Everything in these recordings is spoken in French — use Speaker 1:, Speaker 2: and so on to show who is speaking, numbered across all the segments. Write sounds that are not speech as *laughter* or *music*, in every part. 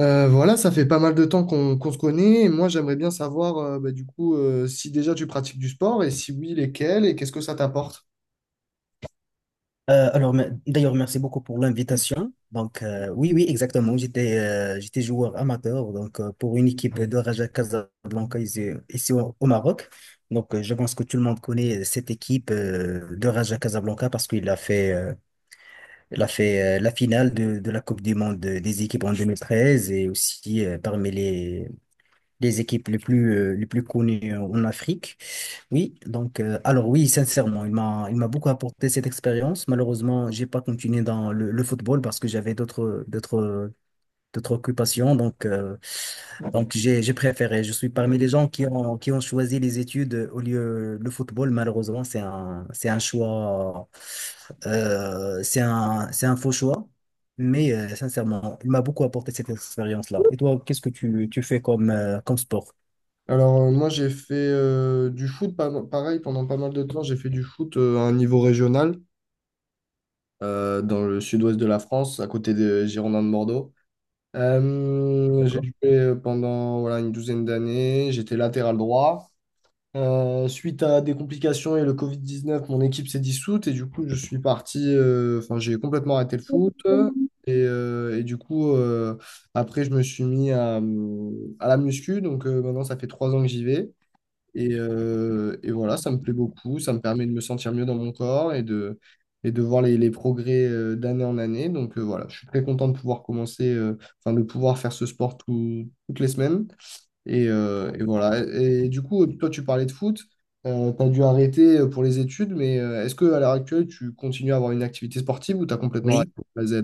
Speaker 1: Voilà, ça fait pas mal de temps qu'on se connaît et moi j'aimerais bien savoir bah, du coup si déjà tu pratiques du sport et si oui, lesquels et qu'est-ce que ça t'apporte?
Speaker 2: Alors, d'ailleurs, merci beaucoup pour l'invitation. Donc, oui, oui, exactement. J'étais joueur amateur donc, pour une équipe de Raja Casablanca ici au Maroc. Donc, je pense que tout le monde connaît cette équipe de Raja Casablanca parce qu'il a fait, il a fait la finale de la Coupe du Monde des équipes en 2013 et aussi des équipes les plus connues en Afrique. Oui, donc, alors oui, sincèrement, il m'a beaucoup apporté cette expérience. Malheureusement, j'ai pas continué dans le football parce que j'avais d'autres occupations. Donc j'ai préféré. Je suis parmi les gens qui ont choisi les études au lieu le football. Malheureusement, c'est un choix, c'est un faux choix. Mais sincèrement, il m'a beaucoup apporté cette expérience-là. Et toi, qu'est-ce que tu fais comme, comme sport?
Speaker 1: Alors moi j'ai fait du foot, pareil pendant pas mal de temps, j'ai fait du foot à un niveau régional dans le sud-ouest de la France, à côté des Girondins de Bordeaux. J'ai
Speaker 2: D'accord.
Speaker 1: joué pendant voilà, une douzaine d'années, j'étais latéral droit. Suite à des complications et le Covid-19, mon équipe s'est dissoute et du coup, je suis parti, enfin, j'ai complètement arrêté le foot. Et du coup, après, je me suis mis à la muscu. Donc maintenant, ça fait 3 ans que j'y vais. Et voilà, ça me plaît beaucoup. Ça me permet de me sentir mieux dans mon corps et de voir les progrès d'année en année. Donc voilà, je suis très content de pouvoir de pouvoir faire ce sport toutes les semaines. Et voilà. Et du coup, toi, tu parlais de foot. Tu as dû arrêter pour les études, mais est-ce que à l'heure actuelle, tu continues à avoir une activité sportive ou tu as complètement arrêté
Speaker 2: Oui.
Speaker 1: pour la Z?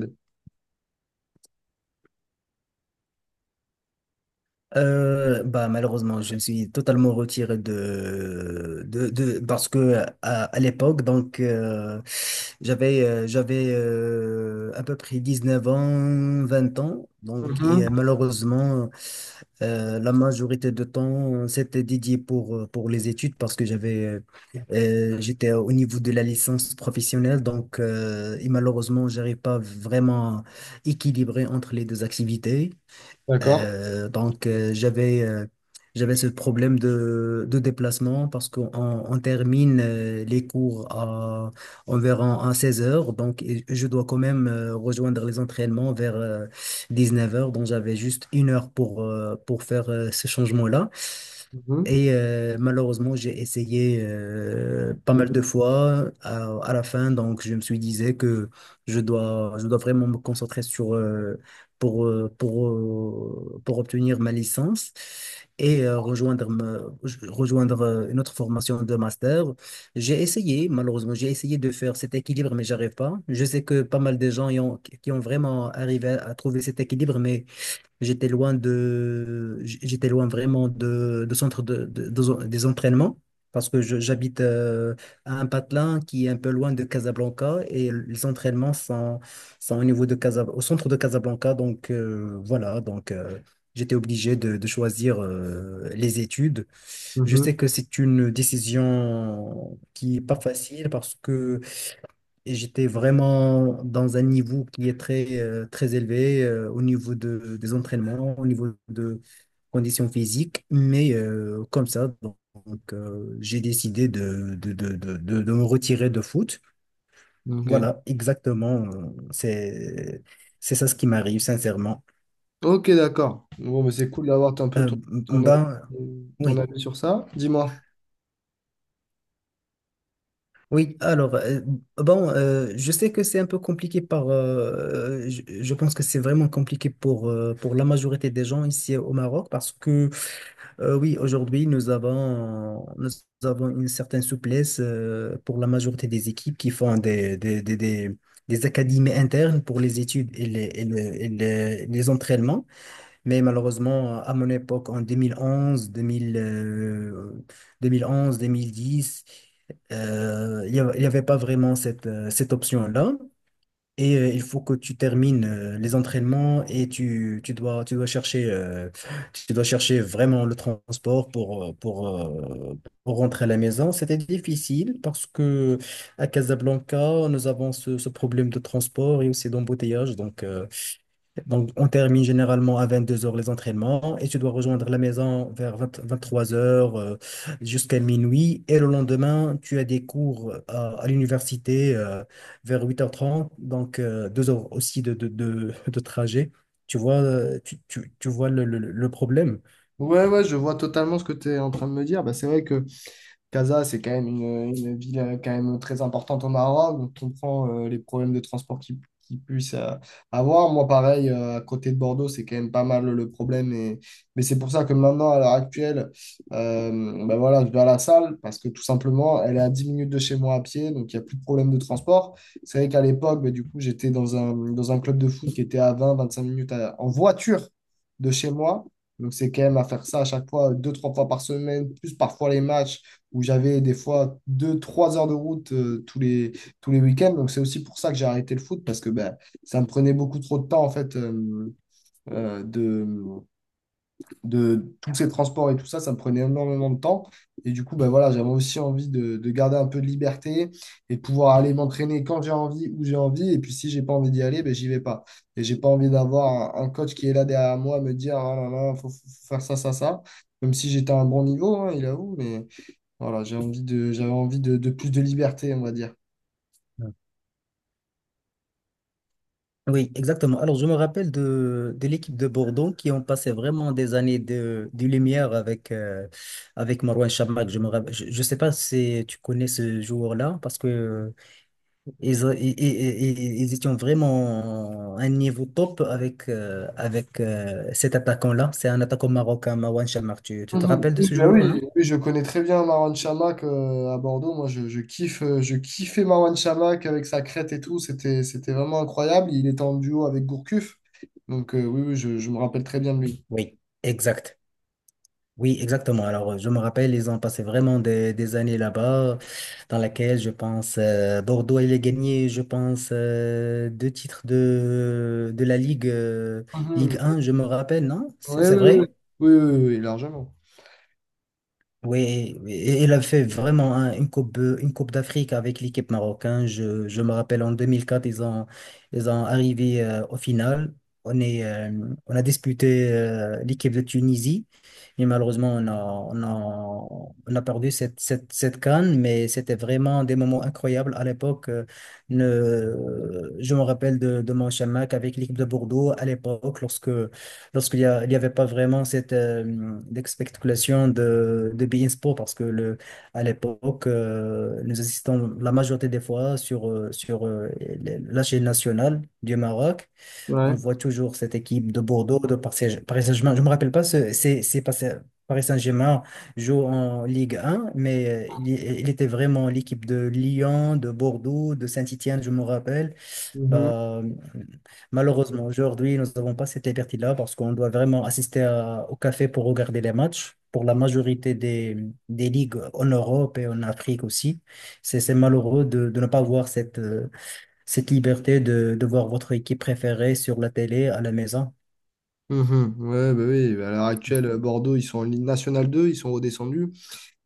Speaker 2: Bah, malheureusement je me suis totalement retiré de parce que à l'époque donc j'avais à peu près 19 ans 20 ans donc et
Speaker 1: Mhm.
Speaker 2: malheureusement la majorité de temps c'était dédié pour pour les études parce que j'étais au niveau de la licence professionnelle donc et malheureusement j'arrive pas vraiment à équilibrer entre les deux activités.
Speaker 1: D'accord.
Speaker 2: Donc, j'avais ce problème de déplacement parce qu'on termine les cours à environ à 16 heures. Donc, et je dois quand même rejoindre les entraînements vers 19 heures. Donc, j'avais juste une heure pour faire ce changement-là.
Speaker 1: Mhm.
Speaker 2: Et malheureusement, j'ai essayé pas mal de fois. À la fin, donc, je me suis disais que je dois vraiment me concentrer sur pour obtenir ma licence et rejoindre une autre formation de master. J'ai essayé, malheureusement, j'ai essayé de faire cet équilibre, mais j'arrive pas. Je sais que pas mal de gens qui ont vraiment arrivé à trouver cet équilibre, mais j'étais loin vraiment de centre des entraînements parce que j'habite à un patelin qui est un peu loin de Casablanca et les entraînements sont au niveau de Casa, au centre de Casablanca. Donc, voilà, donc, j'étais obligé de choisir les études. Je
Speaker 1: Mhm.
Speaker 2: sais que c'est une décision qui est pas facile parce que et j'étais vraiment dans un niveau qui est très élevé au niveau des entraînements, au niveau de conditions physiques. Mais comme ça, donc, j'ai décidé de me retirer de foot.
Speaker 1: Ok.
Speaker 2: Voilà, exactement. C'est, c'est ça ce qui m'arrive, sincèrement.
Speaker 1: Ok, d'accord. Bon, mais c'est cool d'avoir un peu
Speaker 2: Euh,
Speaker 1: ton, ton, avis
Speaker 2: ben,
Speaker 1: ton
Speaker 2: oui.
Speaker 1: avis sur ça. Dis-moi.
Speaker 2: Oui, alors, bon, je sais que c'est un peu compliqué je pense que c'est vraiment compliqué pour la majorité des gens ici au Maroc parce que, oui, aujourd'hui, nous avons une certaine souplesse, pour la majorité des équipes qui font des académies internes pour les études et les entraînements. Mais malheureusement, à mon époque, en 2011, 2010, il y avait pas vraiment cette option-là. Et il faut que tu termines les entraînements et tu dois chercher vraiment le transport pour rentrer à la maison. C'était difficile parce que à Casablanca, nous avons ce problème de transport et aussi d'embouteillage. Donc, on termine généralement à 22 heures les entraînements et tu dois rejoindre la maison vers 23h jusqu'à minuit. Et le lendemain, tu as des cours à l'université vers 8h30, donc 2 heures aussi de trajet. Tu vois, tu vois le problème.
Speaker 1: Ouais, ouais, je vois totalement ce que tu es en train de me dire. Bah, c'est vrai que Casa, c'est quand même une ville quand même très importante au Maroc. Donc, on prend les problèmes de transport qui puissent avoir. Moi, pareil, à côté de Bordeaux, c'est quand même pas mal le problème. Et, mais c'est pour ça que maintenant, à l'heure actuelle, euh, ben voilà, je vais à la salle parce que tout simplement, elle est à 10 minutes de chez moi à pied. Donc, il n'y a plus de problème de transport. C'est vrai qu'à l'époque, ben, du coup, j'étais dans un club de foot qui était à 20-25 minutes en voiture de chez moi. Donc, c'est quand même à faire ça à chaque fois, deux, trois fois par semaine, plus parfois les matchs où j'avais des fois 2-3 heures de route tous les week-ends. Donc c'est aussi pour ça que j'ai arrêté le foot, parce que ben, ça me prenait beaucoup trop de temps, en fait, euh, de, de tous ces transports et tout ça, ça me prenait énormément de temps. Et du coup, ben, voilà, j'avais aussi envie de garder un peu de liberté et de pouvoir aller m'entraîner quand j'ai envie, où j'ai envie. Et puis si j'ai pas envie d'y aller, ben, j'y vais pas. Et j'ai pas envie d'avoir un coach qui est là derrière moi à me dire, ah là là, faut faire ça, ça, ça. Même si j'étais à un bon niveau, hein, il avoue, mais voilà, j'avais envie de plus de liberté, on va dire.
Speaker 2: Oui, exactement. Alors, je me rappelle de l'équipe de Bordeaux qui ont passé vraiment des années de lumière avec Marouane Chamakh. Je me rappelle, je sais pas si tu connais ce joueur-là parce que ils, ils étaient vraiment à un niveau top avec cet attaquant-là. C'est un attaquant marocain, Marouane Chamakh. Tu te
Speaker 1: Mhm.
Speaker 2: rappelles de
Speaker 1: Oui,
Speaker 2: ce
Speaker 1: bah
Speaker 2: joueur, non?
Speaker 1: oui. Oui, je connais très bien Marwan Chamakh à Bordeaux. Moi, je kiffais Marwan Chamakh avec sa crête et tout. C'était vraiment incroyable. Il était en duo avec Gourcuff. Donc, oui, oui, je me rappelle très bien de lui.
Speaker 2: Oui, exact. Oui, exactement. Alors, je me rappelle, ils ont passé vraiment des années là-bas, dans laquelle, je pense, Bordeaux, il a gagné, je pense, deux titres de la Ligue, euh,
Speaker 1: Mhm.
Speaker 2: Ligue 1, je me rappelle, non? C'est
Speaker 1: Ouais,
Speaker 2: c'est
Speaker 1: ouais, ouais.
Speaker 2: vrai?
Speaker 1: Oui, oui, oui, oui, largement.
Speaker 2: Oui, et il a fait vraiment une coupe d'Afrique avec l'équipe marocaine. Je me rappelle en 2004, ils ont arrivé au final. On est, euh, on a disputé l'équipe de Tunisie et malheureusement, on a perdu cette CAN, mais c'était vraiment des moments incroyables à l'époque. Je me rappelle de mon chamac avec l'équipe de Bordeaux à l'époque lorsque lorsqu'il y a- il y avait pas vraiment cette expectation de beIN Sport, parce que le, à l'époque, nous assistons la majorité des fois sur la chaîne nationale du Maroc. On
Speaker 1: Ouais.
Speaker 2: voit toujours cette équipe de Bordeaux, de Paris Saint-Germain. Je me rappelle pas, c'est pas Paris Saint-Germain joue en Ligue 1, mais il était vraiment l'équipe de Lyon, de Bordeaux, de Saint-Étienne, je me rappelle.
Speaker 1: Mhm,
Speaker 2: Bah, malheureusement, aujourd'hui, nous n'avons pas cette liberté-là parce qu'on doit vraiment assister au café pour regarder les matchs. Pour la majorité des ligues en Europe et en Afrique aussi, c'est malheureux de ne pas avoir cette liberté de voir votre équipe préférée sur la télé à la maison.
Speaker 1: mhm. Ouais, bah oui, à l'heure actuelle, Bordeaux, ils sont en Ligue nationale 2, ils sont redescendus.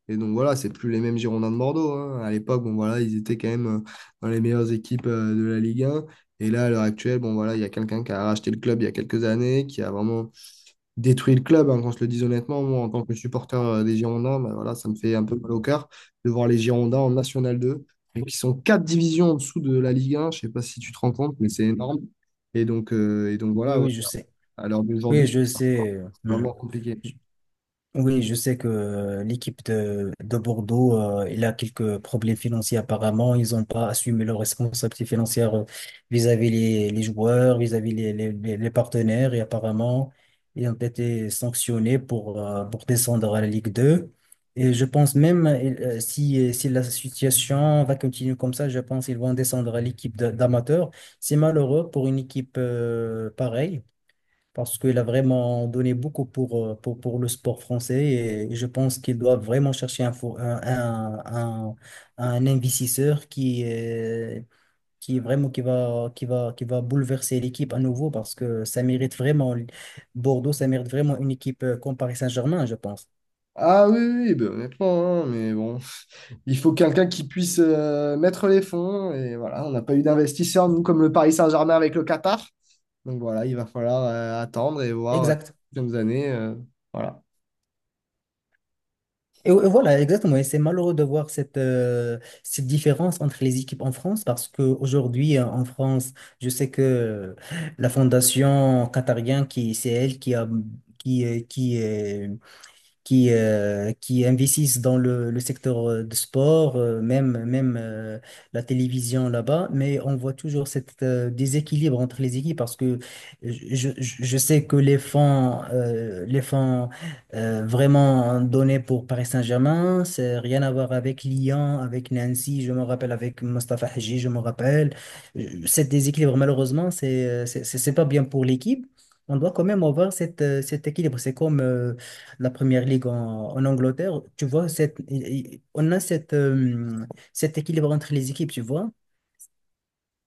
Speaker 1: Et donc voilà, c'est plus les mêmes Girondins de Bordeaux, hein. À l'époque, bon voilà, ils étaient quand même dans les meilleures équipes de la Ligue 1. Et là, à l'heure actuelle, bon voilà, il y a quelqu'un qui a racheté le club il y a quelques années, qui a vraiment détruit le club, hein, qu'on se le dise honnêtement. Moi, en tant que supporter des Girondins, ben voilà, ça me fait un peu mal au cœur de voir les Girondins en National 2, et qui sont quatre divisions en dessous de la Ligue 1. Je sais pas si tu te rends compte, mais c'est énorme. Et donc
Speaker 2: Oui,
Speaker 1: voilà, ouais,
Speaker 2: oui, je sais.
Speaker 1: à l'heure
Speaker 2: Oui,
Speaker 1: d'aujourd'hui, c'est
Speaker 2: je sais.
Speaker 1: c'est
Speaker 2: Hmm.
Speaker 1: vraiment compliqué.
Speaker 2: Oui, je sais que l'équipe de Bordeaux, il a quelques problèmes financiers apparemment. Ils n'ont pas assumé leurs responsabilités financières, vis-à-vis les joueurs, vis-à-vis les partenaires. Et apparemment, ils ont été sanctionnés pour descendre à la Ligue 2. Et je pense même, si la situation va continuer comme ça, je pense qu'ils vont descendre à l'équipe d'amateurs. C'est malheureux pour une équipe pareille parce qu'il a vraiment donné beaucoup pour le sport français et je pense qu'il doit vraiment chercher un, fo- un- un investisseur qui vraiment qui va bouleverser l'équipe à nouveau parce que ça mérite vraiment Bordeaux, ça mérite vraiment une équipe comme Paris Saint-Germain, je pense.
Speaker 1: Ah oui, oui, oui, ben, honnêtement, hein, mais bon, *laughs* il faut quelqu'un qui puisse mettre les fonds. Et voilà, on n'a pas eu d'investisseurs, nous, comme le Paris Saint-Germain avec le Qatar. Donc voilà, il va falloir attendre et voir
Speaker 2: Exact.
Speaker 1: les prochaines années. Voilà.
Speaker 2: Et voilà, exactement. Et c'est malheureux de voir cette différence entre les équipes en France parce qu'aujourd'hui, en France, je sais que la fondation qatarienne, qui, c'est elle qui a, qui, qui investissent dans le secteur de sport, même la télévision là-bas, mais on voit toujours cette déséquilibre entre les équipes parce que je sais que les fonds vraiment donnés pour Paris Saint-Germain, c'est rien à voir avec Lyon, avec Nancy, je me rappelle avec Mostafa Hadji, je me rappelle. Cet déséquilibre, malheureusement, c'est pas bien pour l'équipe. On doit quand même avoir cet équilibre. C'est comme la première ligue en Angleterre, tu vois, on a cet équilibre entre les équipes, tu vois,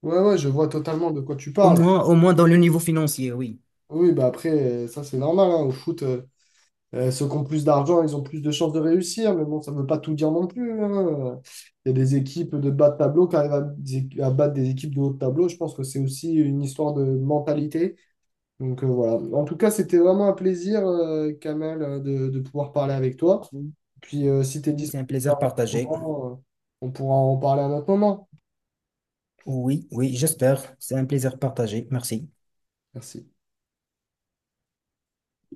Speaker 1: Ouais, ouais, je vois totalement de quoi tu
Speaker 2: au
Speaker 1: parles.
Speaker 2: moins, au moins dans le niveau financier, oui.
Speaker 1: Oui, bah après, ça c'est normal, hein. Au foot, ceux qui ont plus d'argent, ils ont plus de chances de réussir. Mais bon, ça ne veut pas tout dire non plus, hein. Il y a des équipes de bas de tableau qui arrivent à battre des équipes de haut de tableau. Je pense que c'est aussi une histoire de mentalité. Donc voilà. En tout cas, c'était vraiment un plaisir, Kamel, de pouvoir parler avec toi.
Speaker 2: Oui,
Speaker 1: Puis si tu es
Speaker 2: oui, c'est un
Speaker 1: disponible à un
Speaker 2: plaisir
Speaker 1: autre
Speaker 2: partagé.
Speaker 1: moment, on pourra en parler à un autre moment.
Speaker 2: Oui, oui, j'espère. C'est un plaisir partagé. Merci.
Speaker 1: Merci.